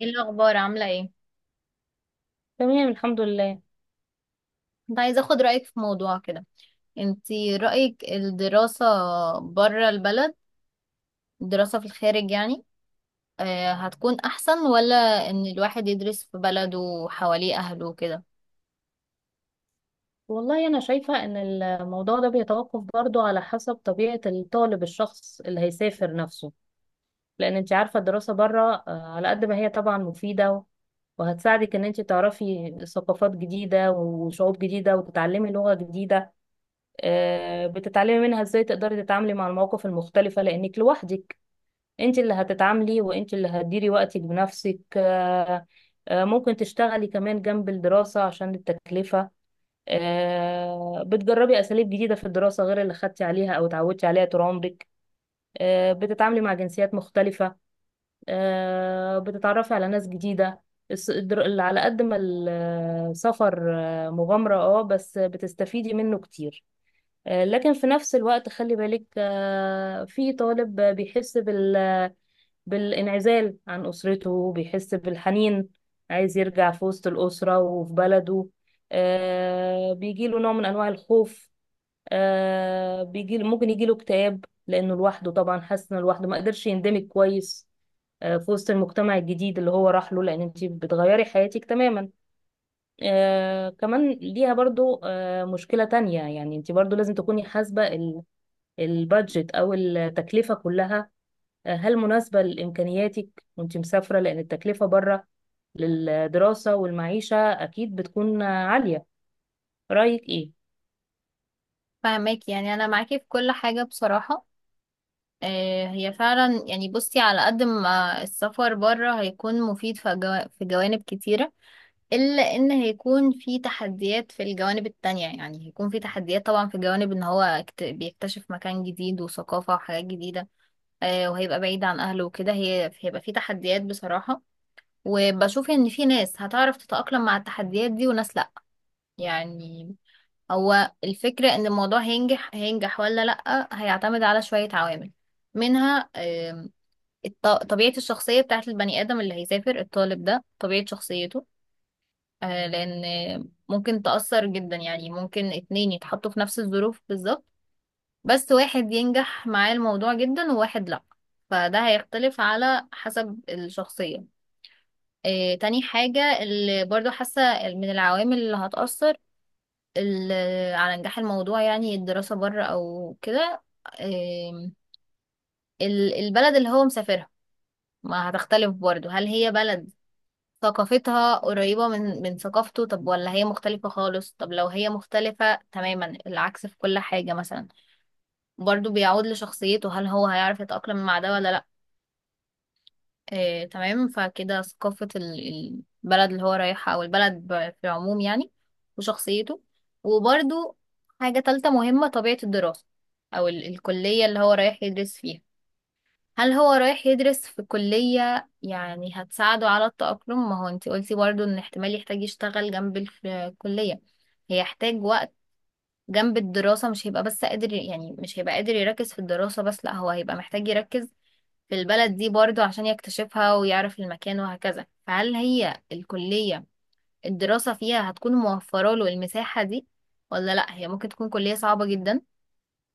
ايه الاخبار عامله ايه؟ تمام الحمد لله. كنت عايزه اخد رايك في موضوع كده. انتي رايك الدراسه بره البلد، الدراسه في الخارج يعني، آه هتكون احسن ولا ان الواحد يدرس في بلده وحواليه اهله وكده؟ والله أنا شايفة إن الموضوع ده بيتوقف برضو على حسب طبيعة الطالب، الشخص اللي هيسافر نفسه. لأن أنت عارفة الدراسة بره، على قد ما هي طبعا مفيدة، وهتساعدك إن أنت تعرفي ثقافات جديدة وشعوب جديدة وتتعلمي لغة جديدة. بتتعلمي منها إزاي تقدري تتعاملي مع المواقف المختلفة، لأنك لوحدك أنت اللي هتتعاملي، وأنت اللي هتديري وقتك بنفسك. ممكن تشتغلي كمان جنب الدراسة عشان التكلفة. بتجربي أساليب جديدة في الدراسة غير اللي خدتي عليها أو اتعودتي عليها طول عمرك. بتتعاملي مع جنسيات مختلفة. بتتعرفي على ناس جديدة. اللي على قد ما السفر مغامرة، اه، بس بتستفيدي منه كتير. لكن في نفس الوقت خلي بالك، في طالب بيحس بالانعزال عن أسرته، بيحس بالحنين، عايز يرجع في وسط الأسرة وفي بلده. بيجيله نوع من أنواع الخوف. آه بيجي ممكن يجيله اكتئاب، لأنه لوحده طبعا، حاسس إنه لوحده ما قدرش يندمج كويس في وسط المجتمع الجديد اللي هو راح له، لأن أنت بتغيري حياتك تماما. كمان ليها برضو مشكلة تانية، يعني أنت برضو لازم تكوني حاسبة البادجت أو التكلفة كلها. هل مناسبة لإمكانياتك وانت مسافرة؟ لأن التكلفة بره للدراسة والمعيشة أكيد بتكون عالية. رأيك إيه؟ فاهمك، يعني انا معاكي في كل حاجه بصراحه. آه هي فعلا، يعني بصي على قد ما السفر بره هيكون مفيد في في جوانب كتيره، إلا إن هيكون في تحديات في الجوانب التانية. يعني هيكون في تحديات طبعا في جوانب، إن هو بيكتشف مكان جديد وثقافة وحاجات جديدة، وهيبقى بعيد عن أهله وكده. هي هيبقى في تحديات بصراحة، وبشوف إن في ناس هتعرف تتأقلم مع التحديات دي وناس لأ، يعني. هو الفكرة إن الموضوع هينجح هينجح ولا لأ هيعتمد على شوية عوامل، منها طبيعة الشخصية بتاعت البني آدم اللي هيسافر، الطالب ده طبيعة شخصيته. آه، لان ممكن تأثر جدا. يعني ممكن اتنين يتحطوا في نفس الظروف بالظبط، بس واحد ينجح معاه الموضوع جدا وواحد لا، فده هيختلف على حسب الشخصية. آه، تاني حاجة اللي برضو حاسة من العوامل اللي هتأثر على نجاح الموضوع، يعني الدراسة بره أو كده، آم، البلد اللي هو مسافرها، ما هتختلف برضو. هل هي بلد ثقافتها قريبة من ثقافته، طب ولا هي مختلفة خالص؟ طب لو هي مختلفة تماما العكس في كل حاجة مثلا، برضو بيعود لشخصيته، هل هو هيعرف يتأقلم مع ده ولا لأ. آه، تمام، فكده ثقافة البلد اللي هو رايحها، أو البلد في العموم يعني، وشخصيته. وبرضو حاجة تالتة مهمة، طبيعة الدراسة أو الكلية اللي هو رايح يدرس فيها. هل هو رايح يدرس في كلية يعني هتساعده على التأقلم؟ ما هو انتي قلتي برضو ان احتمال يحتاج يشتغل جنب الكلية، هيحتاج وقت جنب الدراسة. مش هيبقى بس قادر، يعني مش هيبقى قادر يركز في الدراسة بس، لا هو هيبقى محتاج يركز في البلد دي برضو عشان يكتشفها ويعرف المكان وهكذا. فهل هي الكلية الدراسة فيها هتكون موفرة له المساحة دي ولا لا؟ هي ممكن تكون كلية صعبة جدا،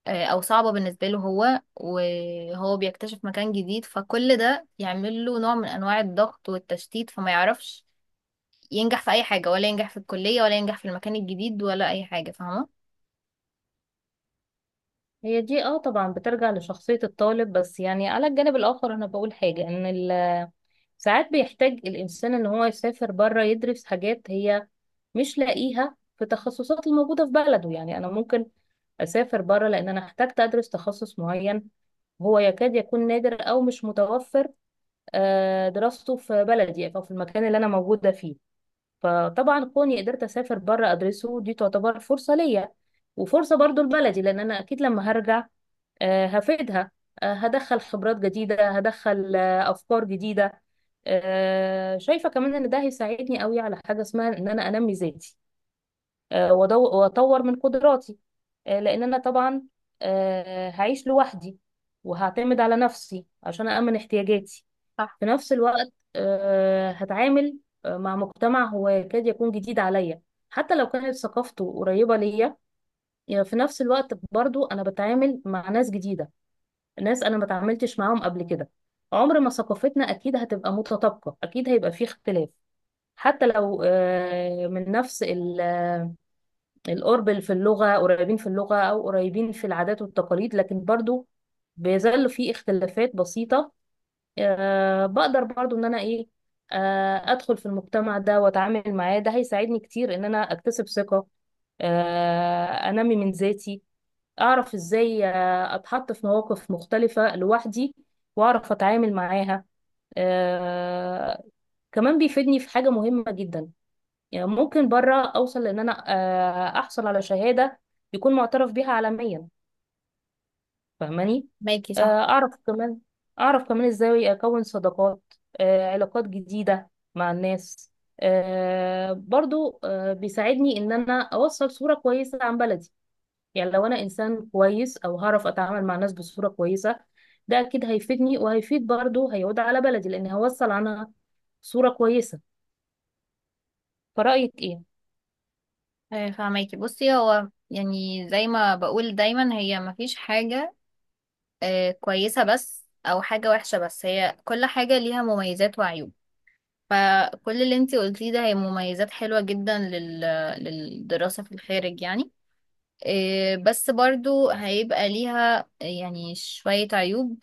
آه، او صعبة بالنسبة له هو، وهو بيكتشف مكان جديد، فكل ده يعمل له نوع من انواع الضغط والتشتيت، فما يعرفش ينجح في اي حاجة. ولا ينجح في الكلية، ولا ينجح في المكان الجديد، ولا اي حاجة، فاهمة؟ هي دي اه طبعا بترجع لشخصية الطالب، بس يعني على الجانب الآخر أنا بقول حاجة، إن ساعات بيحتاج الإنسان إن هو يسافر بره يدرس حاجات هي مش لاقيها في التخصصات الموجودة في بلده. يعني أنا ممكن أسافر بره لأن أنا احتجت أدرس تخصص معين، هو يكاد يكون نادر أو مش متوفر دراسته في بلدي يعني، أو في المكان اللي أنا موجودة فيه. فطبعا كوني قدرت أسافر بره أدرسه، دي تعتبر فرصة ليا، وفرصة برضو لبلدي، لأن أنا أكيد لما هرجع هفيدها. هدخل خبرات جديدة، هدخل أفكار جديدة. شايفة كمان إن ده هيساعدني قوي على حاجة اسمها إن أنا أنمي ذاتي وأطور من قدراتي، لأن أنا طبعا هعيش لوحدي، وهعتمد على نفسي عشان أأمن احتياجاتي. صح. في نفس الوقت هتعامل مع مجتمع هو يكاد يكون جديد عليا، حتى لو كانت ثقافته قريبة ليا. يعني في نفس الوقت برضو أنا بتعامل مع ناس جديدة، ناس أنا ما تعاملتش معاهم قبل كده. عمر ما ثقافتنا أكيد هتبقى متطابقة، أكيد هيبقى فيه اختلاف. حتى لو آه، من نفس ال- آه، القرب في اللغة، قريبين في اللغة أو قريبين في العادات والتقاليد، لكن برضو بيظل في اختلافات بسيطة. بقدر برضو ان انا ايه، ادخل في المجتمع ده واتعامل معاه، ده هيساعدني كتير ان انا اكتسب ثقة، انمي من ذاتي، اعرف ازاي اتحط في مواقف مختلفة لوحدي واعرف اتعامل معاها. آه، كمان بيفيدني في حاجة مهمة جدا، يعني ممكن بره اوصل ان انا احصل على شهادة يكون معترف بيها عالميا. فاهماني؟ مايكي، آه، صح. اعرف كمان اعرف كمان ازاي اكون صداقات، علاقات جديدة مع الناس. آه، برضو آه، بيساعدني ان انا اوصل صورة كويسة عن بلدي. يعني لو انا انسان كويس، او هعرف اتعامل مع الناس بصورة كويسة، ده اكيد هيفيدني، وهيفيد برضو، هيعود على بلدي، لان هوصل عنها صورة كويسة. فرأيك ايه؟ آه، فاهماكي. بصي، هو يعني زي ما بقول دايما، هي مفيش حاجة آه، كويسة بس أو حاجة وحشة بس، هي كل حاجة ليها مميزات وعيوب. فكل اللي انتي قلتيه ده هي مميزات حلوة جدا للدراسة في الخارج يعني. إيه، بس برضو هيبقى ليها يعني شوية عيوب،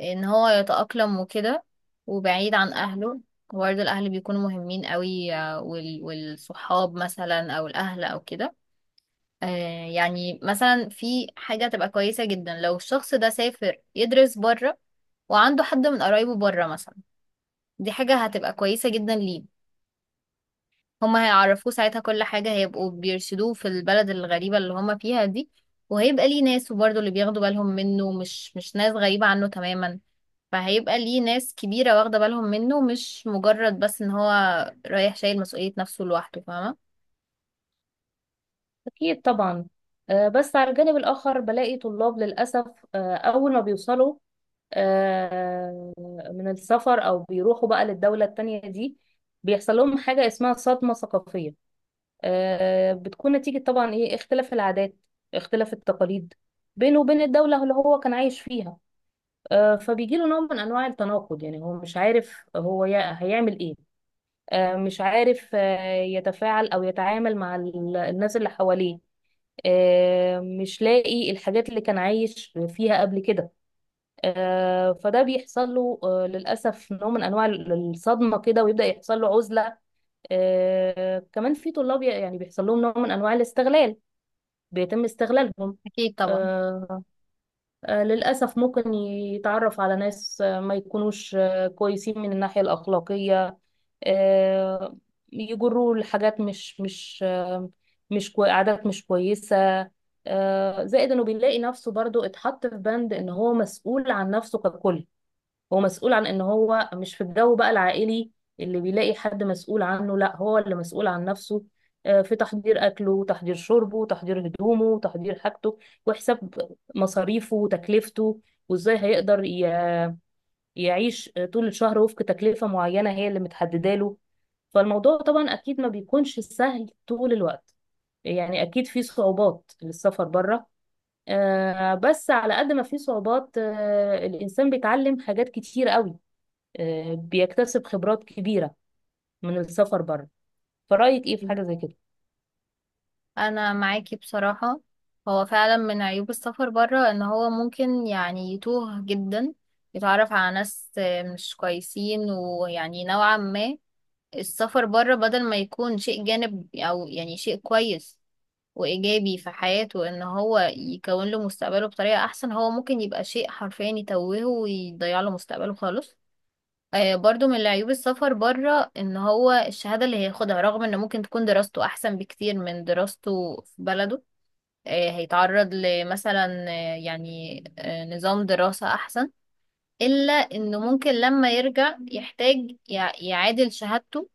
ان هو يتأقلم وكده، وبعيد عن اهله. برضو الاهل بيكونوا مهمين قوي، آه، والصحاب مثلا او الاهل او كده. آه، يعني مثلا في حاجة تبقى كويسة جدا لو الشخص ده سافر يدرس بره وعنده حد من قرايبه بره مثلا، دي حاجة هتبقى كويسة جدا ليه. هما هيعرفوه ساعتها كل حاجة، هيبقوا بيرشدوه في البلد الغريبة اللي هما فيها دي، وهيبقى ليه ناس، وبرضه اللي بياخدوا بالهم منه مش ناس غريبة عنه تماما. فهيبقى ليه ناس كبيرة واخدة بالهم منه، مش مجرد بس ان هو رايح شايل مسؤولية نفسه لوحده، فاهمة؟ اكيد طبعا. بس على الجانب الاخر بلاقي طلاب للاسف، اول ما بيوصلوا آه، من السفر، او بيروحوا بقى للدولة التانية دي، بيحصل لهم حاجة اسمها صدمة ثقافية. بتكون نتيجة طبعا ايه، اختلاف العادات، اختلاف التقاليد بينه وبين الدولة اللي هو كان عايش فيها. فبيجي له نوع من انواع التناقض، يعني هو مش عارف هو هيعمل ايه، مش عارف يتفاعل او يتعامل مع الناس اللي حواليه، مش لاقي الحاجات اللي كان عايش فيها قبل كده. فده بيحصل له للأسف نوع من أنواع الصدمة كده، ويبدأ يحصل له عزلة. كمان في طلاب يعني بيحصل لهم نوع من أنواع الاستغلال، بيتم استغلالهم. أكيد طبعا. آه، للأسف ممكن يتعرف على ناس ما يكونوش كويسين من الناحية الأخلاقية، آه، يجروه لحاجات مش مش آه، مش كوي- عادات مش كويسة. زائد إنه بيلاقي نفسه برضو اتحط في بند إن هو مسؤول عن نفسه ككل. هو مسؤول عن ان هو مش في الجو بقى العائلي اللي بيلاقي حد مسؤول عنه، لا، هو اللي مسؤول عن نفسه في تحضير اكله، وتحضير شربه، وتحضير هدومه، وتحضير حاجته، وحساب مصاريفه وتكلفته، وازاي هيقدر يعيش طول الشهر وفق تكلفة معينة هي اللي متحددة له. فالموضوع طبعا اكيد ما بيكونش سهل طول الوقت، يعني اكيد في صعوبات للسفر بره، بس على قد ما في صعوبات الانسان بيتعلم حاجات كتير قوي، بيكتسب خبرات كبيرة من السفر بره. فرأيك ايه في حاجة زي كده؟ أنا معاكي بصراحة. هو فعلا من عيوب السفر برا ان هو ممكن يعني يتوه جدا، يتعرف على ناس مش كويسين، ويعني نوعا ما السفر بره بدل ما يكون شيء جانب او يعني شيء كويس وايجابي في حياته، ان هو يكون له مستقبله بطريقة احسن، هو ممكن يبقى شيء حرفيا يتوهه ويضيع له مستقبله خالص. آه برضو من عيوب السفر بره ان هو الشهادة اللي هياخدها، رغم ان ممكن تكون دراسته احسن بكتير من دراسته في بلده، آه هيتعرض لمثلا يعني نظام دراسة احسن، الا انه ممكن لما يرجع يحتاج يعادل شهادته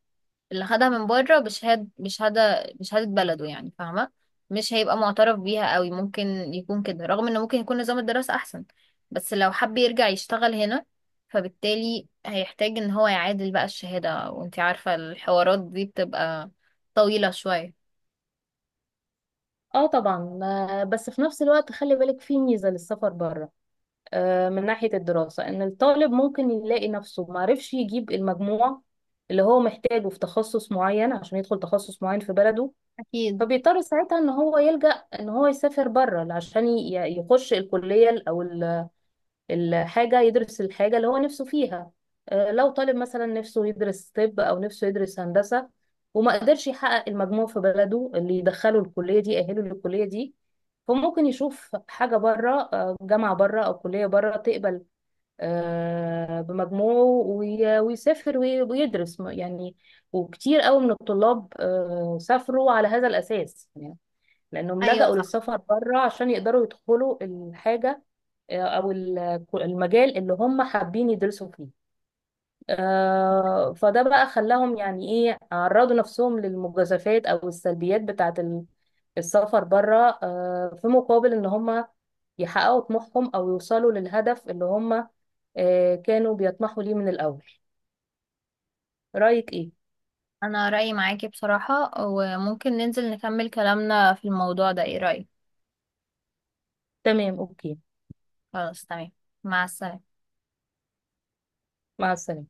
اللي خدها من بره بشهادة بشهادة بلده، يعني فاهمة. مش هيبقى معترف بيها قوي، ممكن يكون كده، رغم ان ممكن يكون نظام الدراسة احسن، بس لو حب يرجع يشتغل هنا، فبالتالي هيحتاج ان هو يعادل بقى الشهادة، وانتي عارفة الحوارات دي بتبقى طويلة شوية. اه طبعا. بس في نفس الوقت خلي بالك في ميزة للسفر بره، من ناحية الدراسة، ان الطالب ممكن يلاقي نفسه معرفش يجيب المجموع اللي هو محتاجه في تخصص معين عشان يدخل تخصص معين في بلده. أكيد. فبيضطر ساعتها ان هو يلجأ ان هو يسافر بره عشان يخش الكلية او ال الحاجة، يدرس الحاجة اللي هو نفسه فيها. لو طالب مثلا نفسه يدرس طب، أو نفسه يدرس هندسة، وما قدرش يحقق المجموع في بلده اللي يدخله الكلية دي، يأهله للكلية دي، فممكن يشوف حاجة بره، جامعة بره أو كلية بره تقبل بمجموعه، ويسافر ويدرس يعني. وكتير قوي من الطلاب سافروا على هذا الأساس، يعني لأنهم أيوة، لجأوا صح. للسفر بره عشان يقدروا يدخلوا الحاجة او ال- المجال اللي هم حابين يدرسوا فيه. فده بقى خلاهم يعني ايه، عرضوا نفسهم للمجازفات او السلبيات بتاعه السفر بره، في مقابل ان هم يحققوا طموحهم، او يوصلوا للهدف اللي هم كانوا بيطمحوا ليه من الاول. رأيك ايه؟ أنا رأيي معاكي بصراحة، وممكن ننزل نكمل كلامنا في الموضوع ده، إيه رأيك؟ تمام، اوكي. خلاص تمام. مع السلامة. مع السلامة.